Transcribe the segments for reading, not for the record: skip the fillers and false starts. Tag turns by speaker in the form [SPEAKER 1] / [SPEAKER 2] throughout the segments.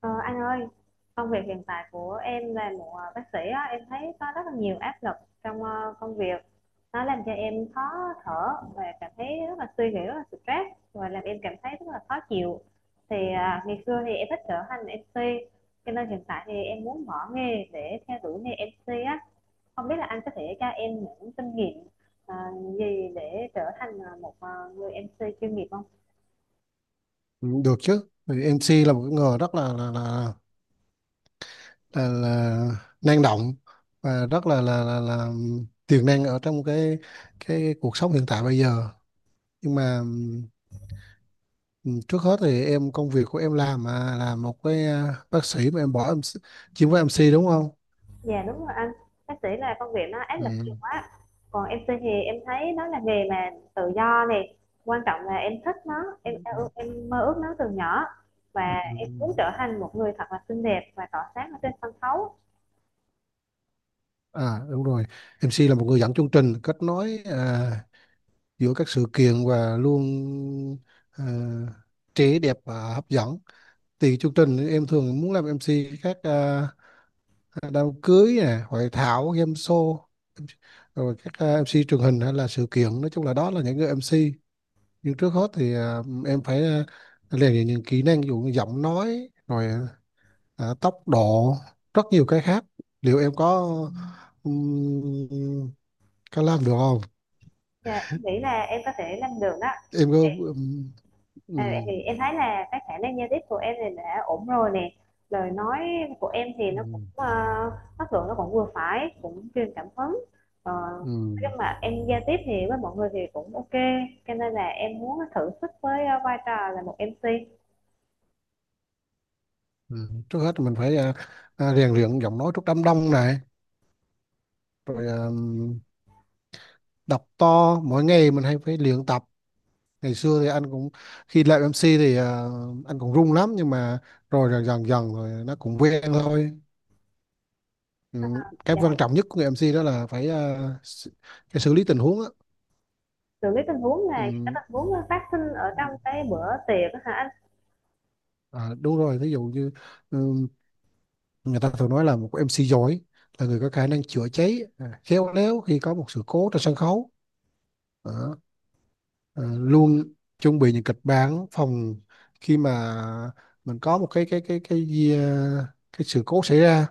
[SPEAKER 1] Ờ, anh ơi, công việc hiện tại của em là một bác sĩ á, em thấy có rất là nhiều áp lực trong công việc. Nó làm cho em khó thở và cảm thấy rất là suy nghĩ, rất là stress và làm em cảm thấy rất là khó chịu. Thì ngày xưa thì em thích trở thành MC, cho nên hiện tại thì em muốn bỏ nghề để theo đuổi nghề MC á. Không biết là anh có thể cho em những kinh nghiệm ờ, gì để trở thành một người MC chuyên nghiệp không?
[SPEAKER 2] Ừ, được chứ. Vì MC là một cái người rất là là, là năng động và rất là tiềm năng ở trong cái cuộc sống hiện tại bây giờ, nhưng mà ừ, trước hết thì em, công việc của em làm mà là một bác sĩ, mà em bỏ em chuyên với MC đúng không?
[SPEAKER 1] Dạ đúng rồi anh, bác sĩ là công việc nó áp lực nhiều
[SPEAKER 2] Ừ.
[SPEAKER 1] quá. Còn em MC thì em thấy nó là nghề mà tự do này, quan trọng là em thích nó, em mơ ước nó từ nhỏ và
[SPEAKER 2] Ừ.
[SPEAKER 1] em muốn trở thành một người thật là xinh đẹp và tỏa sáng ở trên sân khấu.
[SPEAKER 2] Đúng rồi, MC là một người dẫn chương trình kết nối giữa các sự kiện, và luôn à, trẻ đẹp và hấp dẫn. Thì chương trình thì em thường muốn làm em MC các đám cưới nè, hội thảo, game show, rồi các MC truyền hình hay là sự kiện, nói chung là đó là những người em MC. Nhưng trước hết thì em phải rèn luyện những kỹ năng, ví dụ như giọng nói, rồi tốc độ, rất nhiều cái khác. Liệu em um, có làm được không?
[SPEAKER 1] Dạ, em nghĩ là em có thể làm được đó.
[SPEAKER 2] Em có
[SPEAKER 1] À, vậy
[SPEAKER 2] ừm,
[SPEAKER 1] thì em thấy là cái khả năng giao tiếp của em thì đã ổn rồi nè, lời nói của em thì nó cũng
[SPEAKER 2] ừm,
[SPEAKER 1] chất lượng, nó cũng vừa phải, cũng truyền cảm hứng. Ờ,
[SPEAKER 2] ừm,
[SPEAKER 1] nhưng mà em giao tiếp thì với mọi người thì cũng ok, cho nên là em muốn thử sức với vai trò là một MC,
[SPEAKER 2] Trước hết thì mình phải rèn luyện giọng nói trước đám đông này, rồi đọc to mỗi ngày, mình hay phải luyện tập. Ngày xưa thì anh cũng, khi làm MC thì anh cũng run lắm, nhưng mà rồi dần dần dần rồi nó cũng quen thôi. Ừ. Cái
[SPEAKER 1] là
[SPEAKER 2] quan trọng nhất của người MC đó là phải s- cái xử lý tình huống á.
[SPEAKER 1] xử lý tình huống. Này, cái
[SPEAKER 2] Ừ.
[SPEAKER 1] tình huống nó phát sinh ở trong cái bữa tiệc á hả?
[SPEAKER 2] Đúng rồi, ví dụ như ừ, người ta thường nói là một MC giỏi là người có khả năng chữa cháy khéo léo khi có một sự cố trên sân khấu. Đó. Ờ, Luôn chuẩn bị những kịch bản phòng khi mà mình có một cái sự cố xảy ra.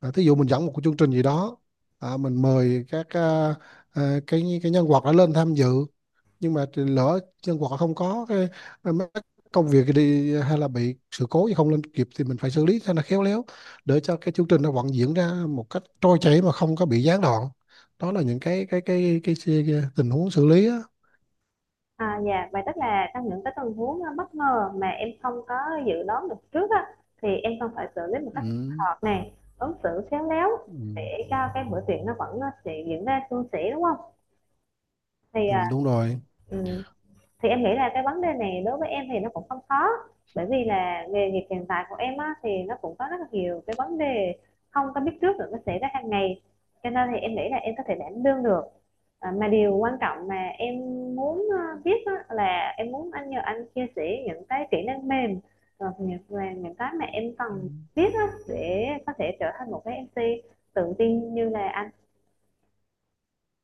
[SPEAKER 2] Thí dụ mình dẫn một cái chương trình gì đó, mình mời các cái nhân vật đã lên tham dự, nhưng mà thì lỡ nhân vật không có cái mấy cái công việc đi hay là bị sự cố gì không lên kịp thì mình phải xử lý cho nó khéo léo, để cho cái chương trình nó vẫn diễn ra một cách trôi chảy mà không có bị gián đoạn. Đó là những cái tình huống xử lý á.
[SPEAKER 1] À, dạ, vậy tức là trong những cái tình huống bất ngờ mà em không có dự đoán được trước á, thì em cần phải xử lý một cách thích
[SPEAKER 2] Ừ.
[SPEAKER 1] hợp này, ứng xử khéo léo
[SPEAKER 2] Ừ,
[SPEAKER 1] để cho cái bữa tiệc nó vẫn sẽ diễn ra suôn sẻ đúng không? Thì
[SPEAKER 2] ừ,
[SPEAKER 1] à,
[SPEAKER 2] đúng rồi.
[SPEAKER 1] ừm, thì em nghĩ là cái vấn đề này đối với em thì nó cũng không khó, bởi vì là nghề nghiệp hiện tại của em á, thì nó cũng có rất là nhiều cái vấn đề không có biết trước được, nó xảy ra hàng ngày, cho nên thì em nghĩ là em có thể đảm đương được. À, mà điều quan trọng mà em muốn biết á, là em muốn anh, nhờ anh chia sẻ những cái kỹ năng mềm và những cái mà em
[SPEAKER 2] Ừ.
[SPEAKER 1] cần biết á, để có thể trở thành một cái MC tự tin như là anh.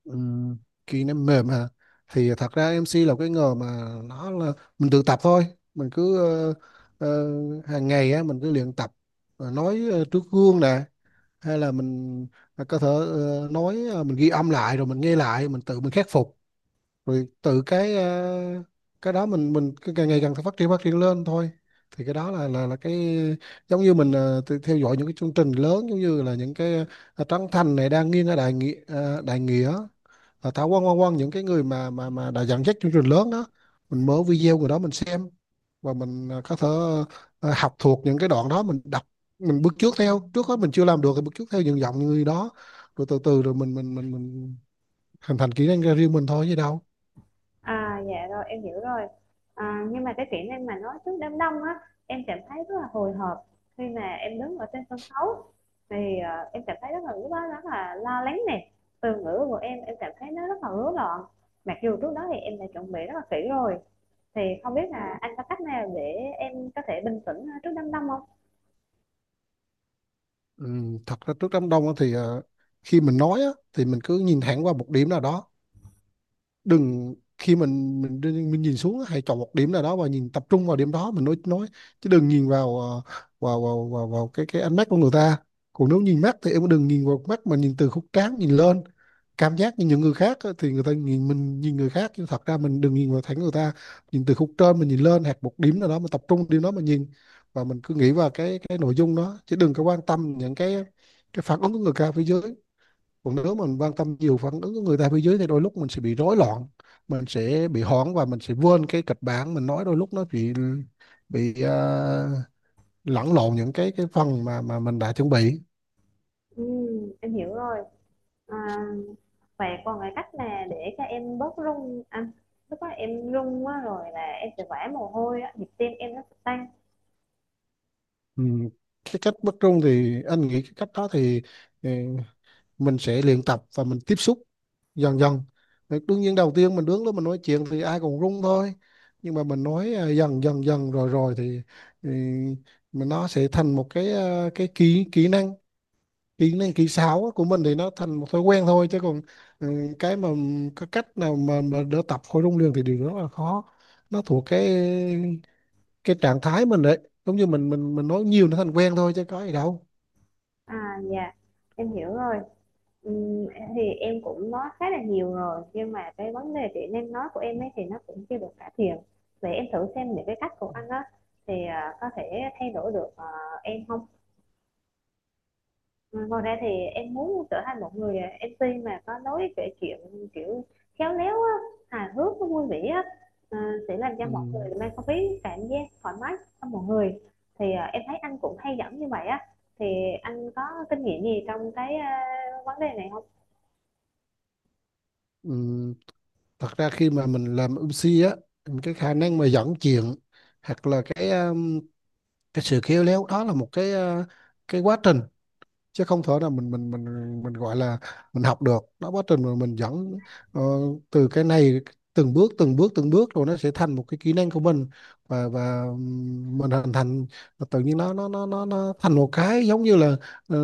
[SPEAKER 2] Ừ, khi nó mềm hả, thì thật ra em MC là cái nghề mà nó là mình tự tập thôi. Mình cứ ờ, hàng ngày á, mình cứ luyện tập. Rồi nói trước gương nè, hay là mình có thể nói, mình ghi âm lại rồi mình nghe lại, mình tự mình khắc phục, rồi tự cái đó mình cứ càng ngày càng phát triển lên thôi. Thì cái đó là cái giống như mình tự theo dõi những cái chương trình lớn, giống như là những cái Trấn Thành này, đang nghiêng ở đại nghĩa, đại nghĩa, Thảo Quang Quang Quang những cái người mà đã dẫn dắt chương trình lớn đó, mình mở video của đó mình xem và mình có thể học thuộc những cái đoạn đó mình đọc, mình bước trước theo, trước hết mình chưa làm được thì bước trước theo những giọng người đó, rồi từ từ rồi mình hình thành kỹ năng ra riêng mình thôi chứ đâu.
[SPEAKER 1] À dạ, rồi em hiểu rồi. À, nhưng mà cái kỹ năng mà nói trước đám đông á, em cảm thấy rất là hồi hộp. Khi mà em đứng ở trên sân khấu thì em cảm thấy rất là, lúc đó rất là lo lắng nè, từ ngữ của em cảm thấy nó rất là rối loạn, mặc dù trước đó thì em đã chuẩn bị rất là kỹ rồi. Thì không biết là anh có cách nào để em có thể bình tĩnh trước đám đông không?
[SPEAKER 2] Thật ra trước đám đông á thì khi mình nói á, thì mình cứ nhìn thẳng qua một điểm nào đó, đừng khi mình nhìn xuống, hãy chọn một điểm nào đó và nhìn tập trung vào điểm đó mình nói. Chứ đừng nhìn vào ờ, vào vào vào, vào cái ánh mắt của người ta. Còn nếu nhìn mắt thì em đừng nhìn vào mắt, mà nhìn từ khúc trán nhìn lên, cảm giác như những người khác á, thì người ta nhìn mình, nhìn người khác, nhưng thật ra mình đừng nhìn vào thẳng người ta, nhìn từ khúc trên mình nhìn lên, hoặc một điểm nào đó mình tập trung điểm đó mà nhìn. Và mình cứ nghĩ vào cái nội dung đó, chứ đừng có quan tâm những cái phản ứng của người ta phía dưới. Còn nếu mình quan tâm nhiều phản ứng của người ta phía dưới thì đôi lúc mình sẽ bị rối loạn, mình sẽ bị hoảng và mình sẽ quên cái kịch bản mình nói, đôi lúc nó bị lẫn lộn những cái phần mà mình đã chuẩn bị.
[SPEAKER 1] Em hiểu rồi. À, và còn cái cách là để cho em bớt run anh. Lúc đó em run quá rồi là em sẽ vã mồ hôi á, nhịp tim em nó sẽ tăng.
[SPEAKER 2] Ừ. Cái cách bất trung thì anh nghĩ cái cách đó thì, ừ, mình sẽ luyện tập và mình tiếp xúc dần dần. Thì đương nhiên đầu tiên mình đứng đó mình nói chuyện thì ai cũng run thôi, nhưng mà mình nói dần dần dần rồi rồi thì, thì mình nó sẽ thành một cái kỹ kỹ năng, kỹ năng kỹ xảo của mình thì nó thành một thói quen thôi, chứ còn ừ, cái mà cái cách nào mà đỡ tập khối rung liền thì điều đó là khó, nó thuộc cái trạng thái mình đấy, giống như mình nói nhiều nó thành quen thôi chứ có gì đâu.
[SPEAKER 1] À dạ, em hiểu rồi. Ừm, thì em cũng nói khá là nhiều rồi nhưng mà cái vấn đề chị năng nói của em ấy thì nó cũng chưa được cải thiện. Vậy em thử xem những cái cách của anh á, thì à, có thể thay đổi được à, em không? Ừ, ngoài ra thì em muốn trở thành một người à, MC mà có lối kể chuyện kiểu khéo léo á, hài hước, nó vui vẻ á, à, sẽ làm cho
[SPEAKER 2] Ừ.
[SPEAKER 1] mọi người mang không khí cảm giác thoải mái trong mọi người. Thì à, em thấy anh cũng hay dẫn như vậy á, thì anh có kinh nghiệm gì trong cái à, vấn đề này không?
[SPEAKER 2] Ừ. Thật ra khi mà mình làm MC á, cái khả năng mà dẫn chuyện hoặc là cái sự khéo léo đó là một cái quá trình, chứ không thể nào mình gọi là mình học được đó, quá trình mà mình dẫn ờ, từ cái này, từng bước từng bước từng bước rồi nó sẽ thành một cái kỹ năng của mình, và mình hình thành, và tự nhiên nó thành một cái giống như là ờ,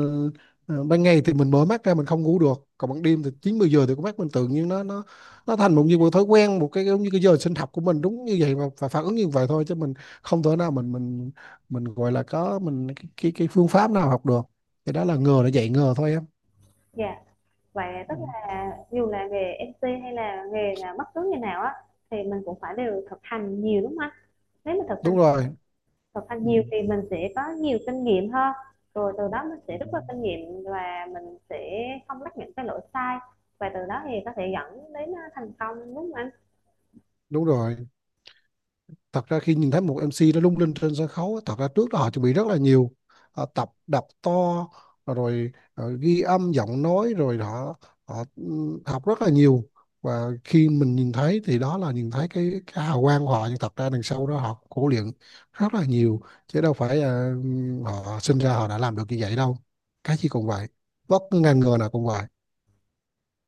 [SPEAKER 2] ban ngày thì mình mở mắt ra mình không ngủ được, còn ban đêm thì chín mười giờ thì con mắt mình tự nhiên nó thành một như một thói quen, một cái giống như cái giờ sinh học của mình đúng như vậy, và phản ứng như vậy thôi, chứ mình không thể nào mình gọi là có mình cái phương pháp nào học được, cái đó là ngờ nó dạy ngờ thôi em.
[SPEAKER 1] Dạ, vậy tức
[SPEAKER 2] Ừ,
[SPEAKER 1] là dù là nghề MC hay là nghề là bất cứ nghề nào á, thì mình cũng phải đều thực hành nhiều đúng không anh? Nếu mà
[SPEAKER 2] đúng rồi.
[SPEAKER 1] thực hành
[SPEAKER 2] ừ,
[SPEAKER 1] nhiều thì mình sẽ có nhiều kinh nghiệm hơn, rồi từ đó mình
[SPEAKER 2] ừ,
[SPEAKER 1] sẽ rút ra kinh nghiệm và mình sẽ không mắc những cái lỗi sai, và từ đó thì có thể dẫn đến thành công đúng không anh?
[SPEAKER 2] Đúng rồi, thật ra khi nhìn thấy một MC nó lung linh trên sân khấu á, thật ra trước đó họ chuẩn bị rất là nhiều. Họ tập đập to, rồi ghi âm giọng nói, rồi họ họ ừ, học rất là nhiều, và khi mình nhìn thấy thì đó là nhìn thấy cái hào quang của họ, nhưng thật ra đằng sau đó họ khổ luyện rất là nhiều, chứ đâu phải họ sinh ra họ đã làm được như vậy đâu, cái gì cũng vậy, bất cứ ngành nghề nào cũng vậy.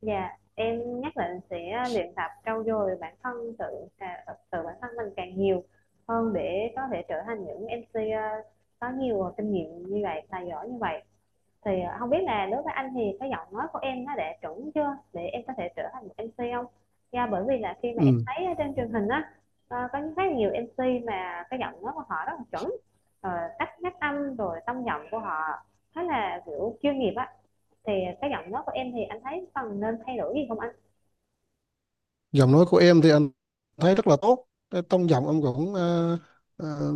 [SPEAKER 1] Dạ, em nhất định sẽ luyện tập trau dồi bản thân, tự bản thân mình càng nhiều hơn để có thể trở thành những MC có nhiều kinh nghiệm như vậy, tài giỏi như vậy. Thì không biết là đối với anh thì cái giọng nói của em nó đã chuẩn chưa để em có thể trở thành một MC không? Yeah, bởi vì là khi mà em
[SPEAKER 2] Ừ.
[SPEAKER 1] thấy ở trên truyền hình á, có rất là nhiều MC mà cái giọng nói của họ rất là chuẩn, ờ, cách phát âm rồi tông giọng của họ khá là, kiểu, chuyên nghiệp á, thì cái giọng nói của em thì anh thấy cần nên thay đổi gì không anh?
[SPEAKER 2] Giọng nói của em thì anh thấy rất là tốt, cái tông giọng em cũng ờ,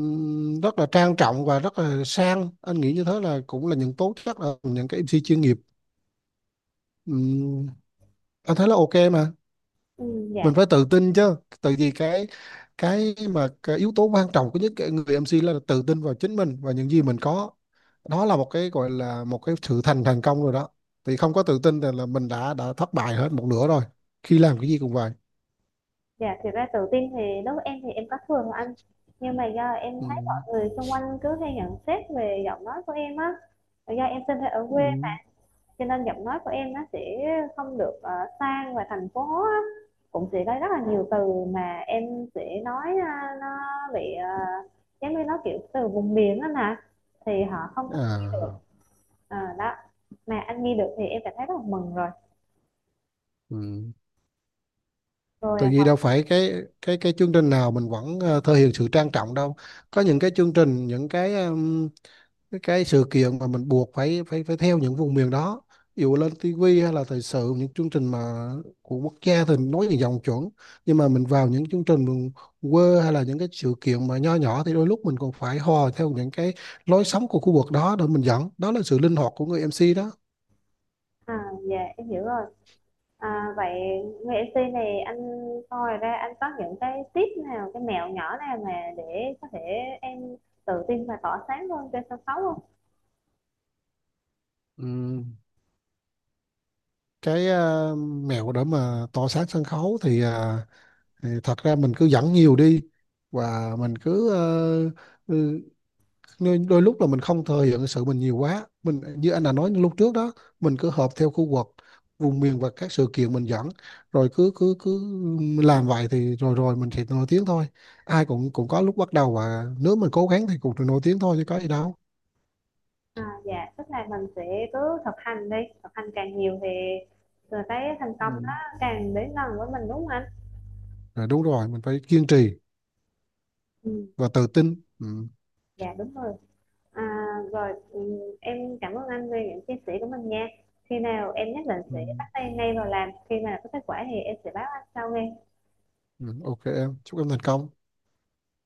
[SPEAKER 2] rất là trang trọng và rất là sang, anh nghĩ như thế là cũng là những tố chất, là những cái MC chuyên nghiệp. Ừm, anh thấy là ok mà,
[SPEAKER 1] Ừ,
[SPEAKER 2] mình phải tự tin chứ, tại vì cái mà cái yếu tố quan trọng của những cái người MC là tự tin vào chính mình và những gì mình có, đó là một cái gọi là một cái sự thành thành công rồi đó, thì không có tự tin thì là mình đã thất bại hết một nửa rồi, khi làm cái gì cũng vậy.
[SPEAKER 1] dạ, thì ra tự tin thì đối với em thì em có thừa rồi anh, nhưng mà do em thấy mọi
[SPEAKER 2] Ừm,
[SPEAKER 1] người xung quanh cứ hay nhận xét về giọng nói của em á, do em sinh ra ở quê,
[SPEAKER 2] ừm.
[SPEAKER 1] cho nên giọng nói của em nó sẽ không được sang và thành phố á. Cũng sẽ có rất là nhiều từ mà em sẽ nói nó bị giống như nó kiểu từ vùng miền đó nè, thì họ không có nghe được.
[SPEAKER 2] À.
[SPEAKER 1] Ờ, đó, mà anh nghe được thì em cảm thấy rất là mừng rồi.
[SPEAKER 2] Ừ.
[SPEAKER 1] Rồi
[SPEAKER 2] Tại vì đâu phải cái chương trình nào mình vẫn thể hiện sự trang trọng đâu. Có những cái chương trình, những cái sự kiện mà mình buộc phải phải phải theo những vùng miền đó. Ví dụ lên tivi hay là thời sự, những chương trình mà của quốc gia thì nói những dòng chuẩn. Nhưng mà mình vào những chương trình mình quê, hay là những cái sự kiện mà nho nhỏ thì đôi lúc mình còn phải hò theo những cái lối sống của khu vực đó để mình dẫn. Đó là sự linh hoạt của người MC đó.
[SPEAKER 1] à, dạ em hiểu rồi. À, vậy người MC này anh, coi ra anh có những cái tip nào, cái mẹo nhỏ nào mà để có thể em tự tin và tỏa sáng hơn trên sân khấu không?
[SPEAKER 2] Ừm, Cái mẹo để mà tỏ sáng sân khấu thì thật ra mình cứ dẫn nhiều đi, và mình cứ đôi lúc là mình không thừa hiện sự mình nhiều quá, mình như anh đã nói lúc trước đó, mình cứ hợp theo khu vực vùng miền và các sự kiện mình dẫn, rồi cứ cứ cứ làm vậy thì rồi rồi mình sẽ nổi tiếng thôi, ai cũng cũng có lúc bắt đầu, và nếu mình cố gắng thì cũng được nổi tiếng thôi chứ có gì đâu.
[SPEAKER 1] À, dạ, tức là mình sẽ cứ thực hành đi, thực hành càng nhiều thì rồi cái thành công đó
[SPEAKER 2] Ừ.
[SPEAKER 1] càng đến gần với mình đúng không anh?
[SPEAKER 2] Rồi đúng rồi, mình phải kiên trì
[SPEAKER 1] Ừ,
[SPEAKER 2] và tự tin. Ừ.
[SPEAKER 1] dạ đúng rồi. À, rồi ừ, em cảm ơn anh về những chia sẻ của mình nha. Khi nào em nhất định
[SPEAKER 2] Ừ.
[SPEAKER 1] sẽ bắt tay ngay vào làm, khi mà có kết quả thì em sẽ báo anh sau nghe.
[SPEAKER 2] Ừ. Ok, em chúc em thành công.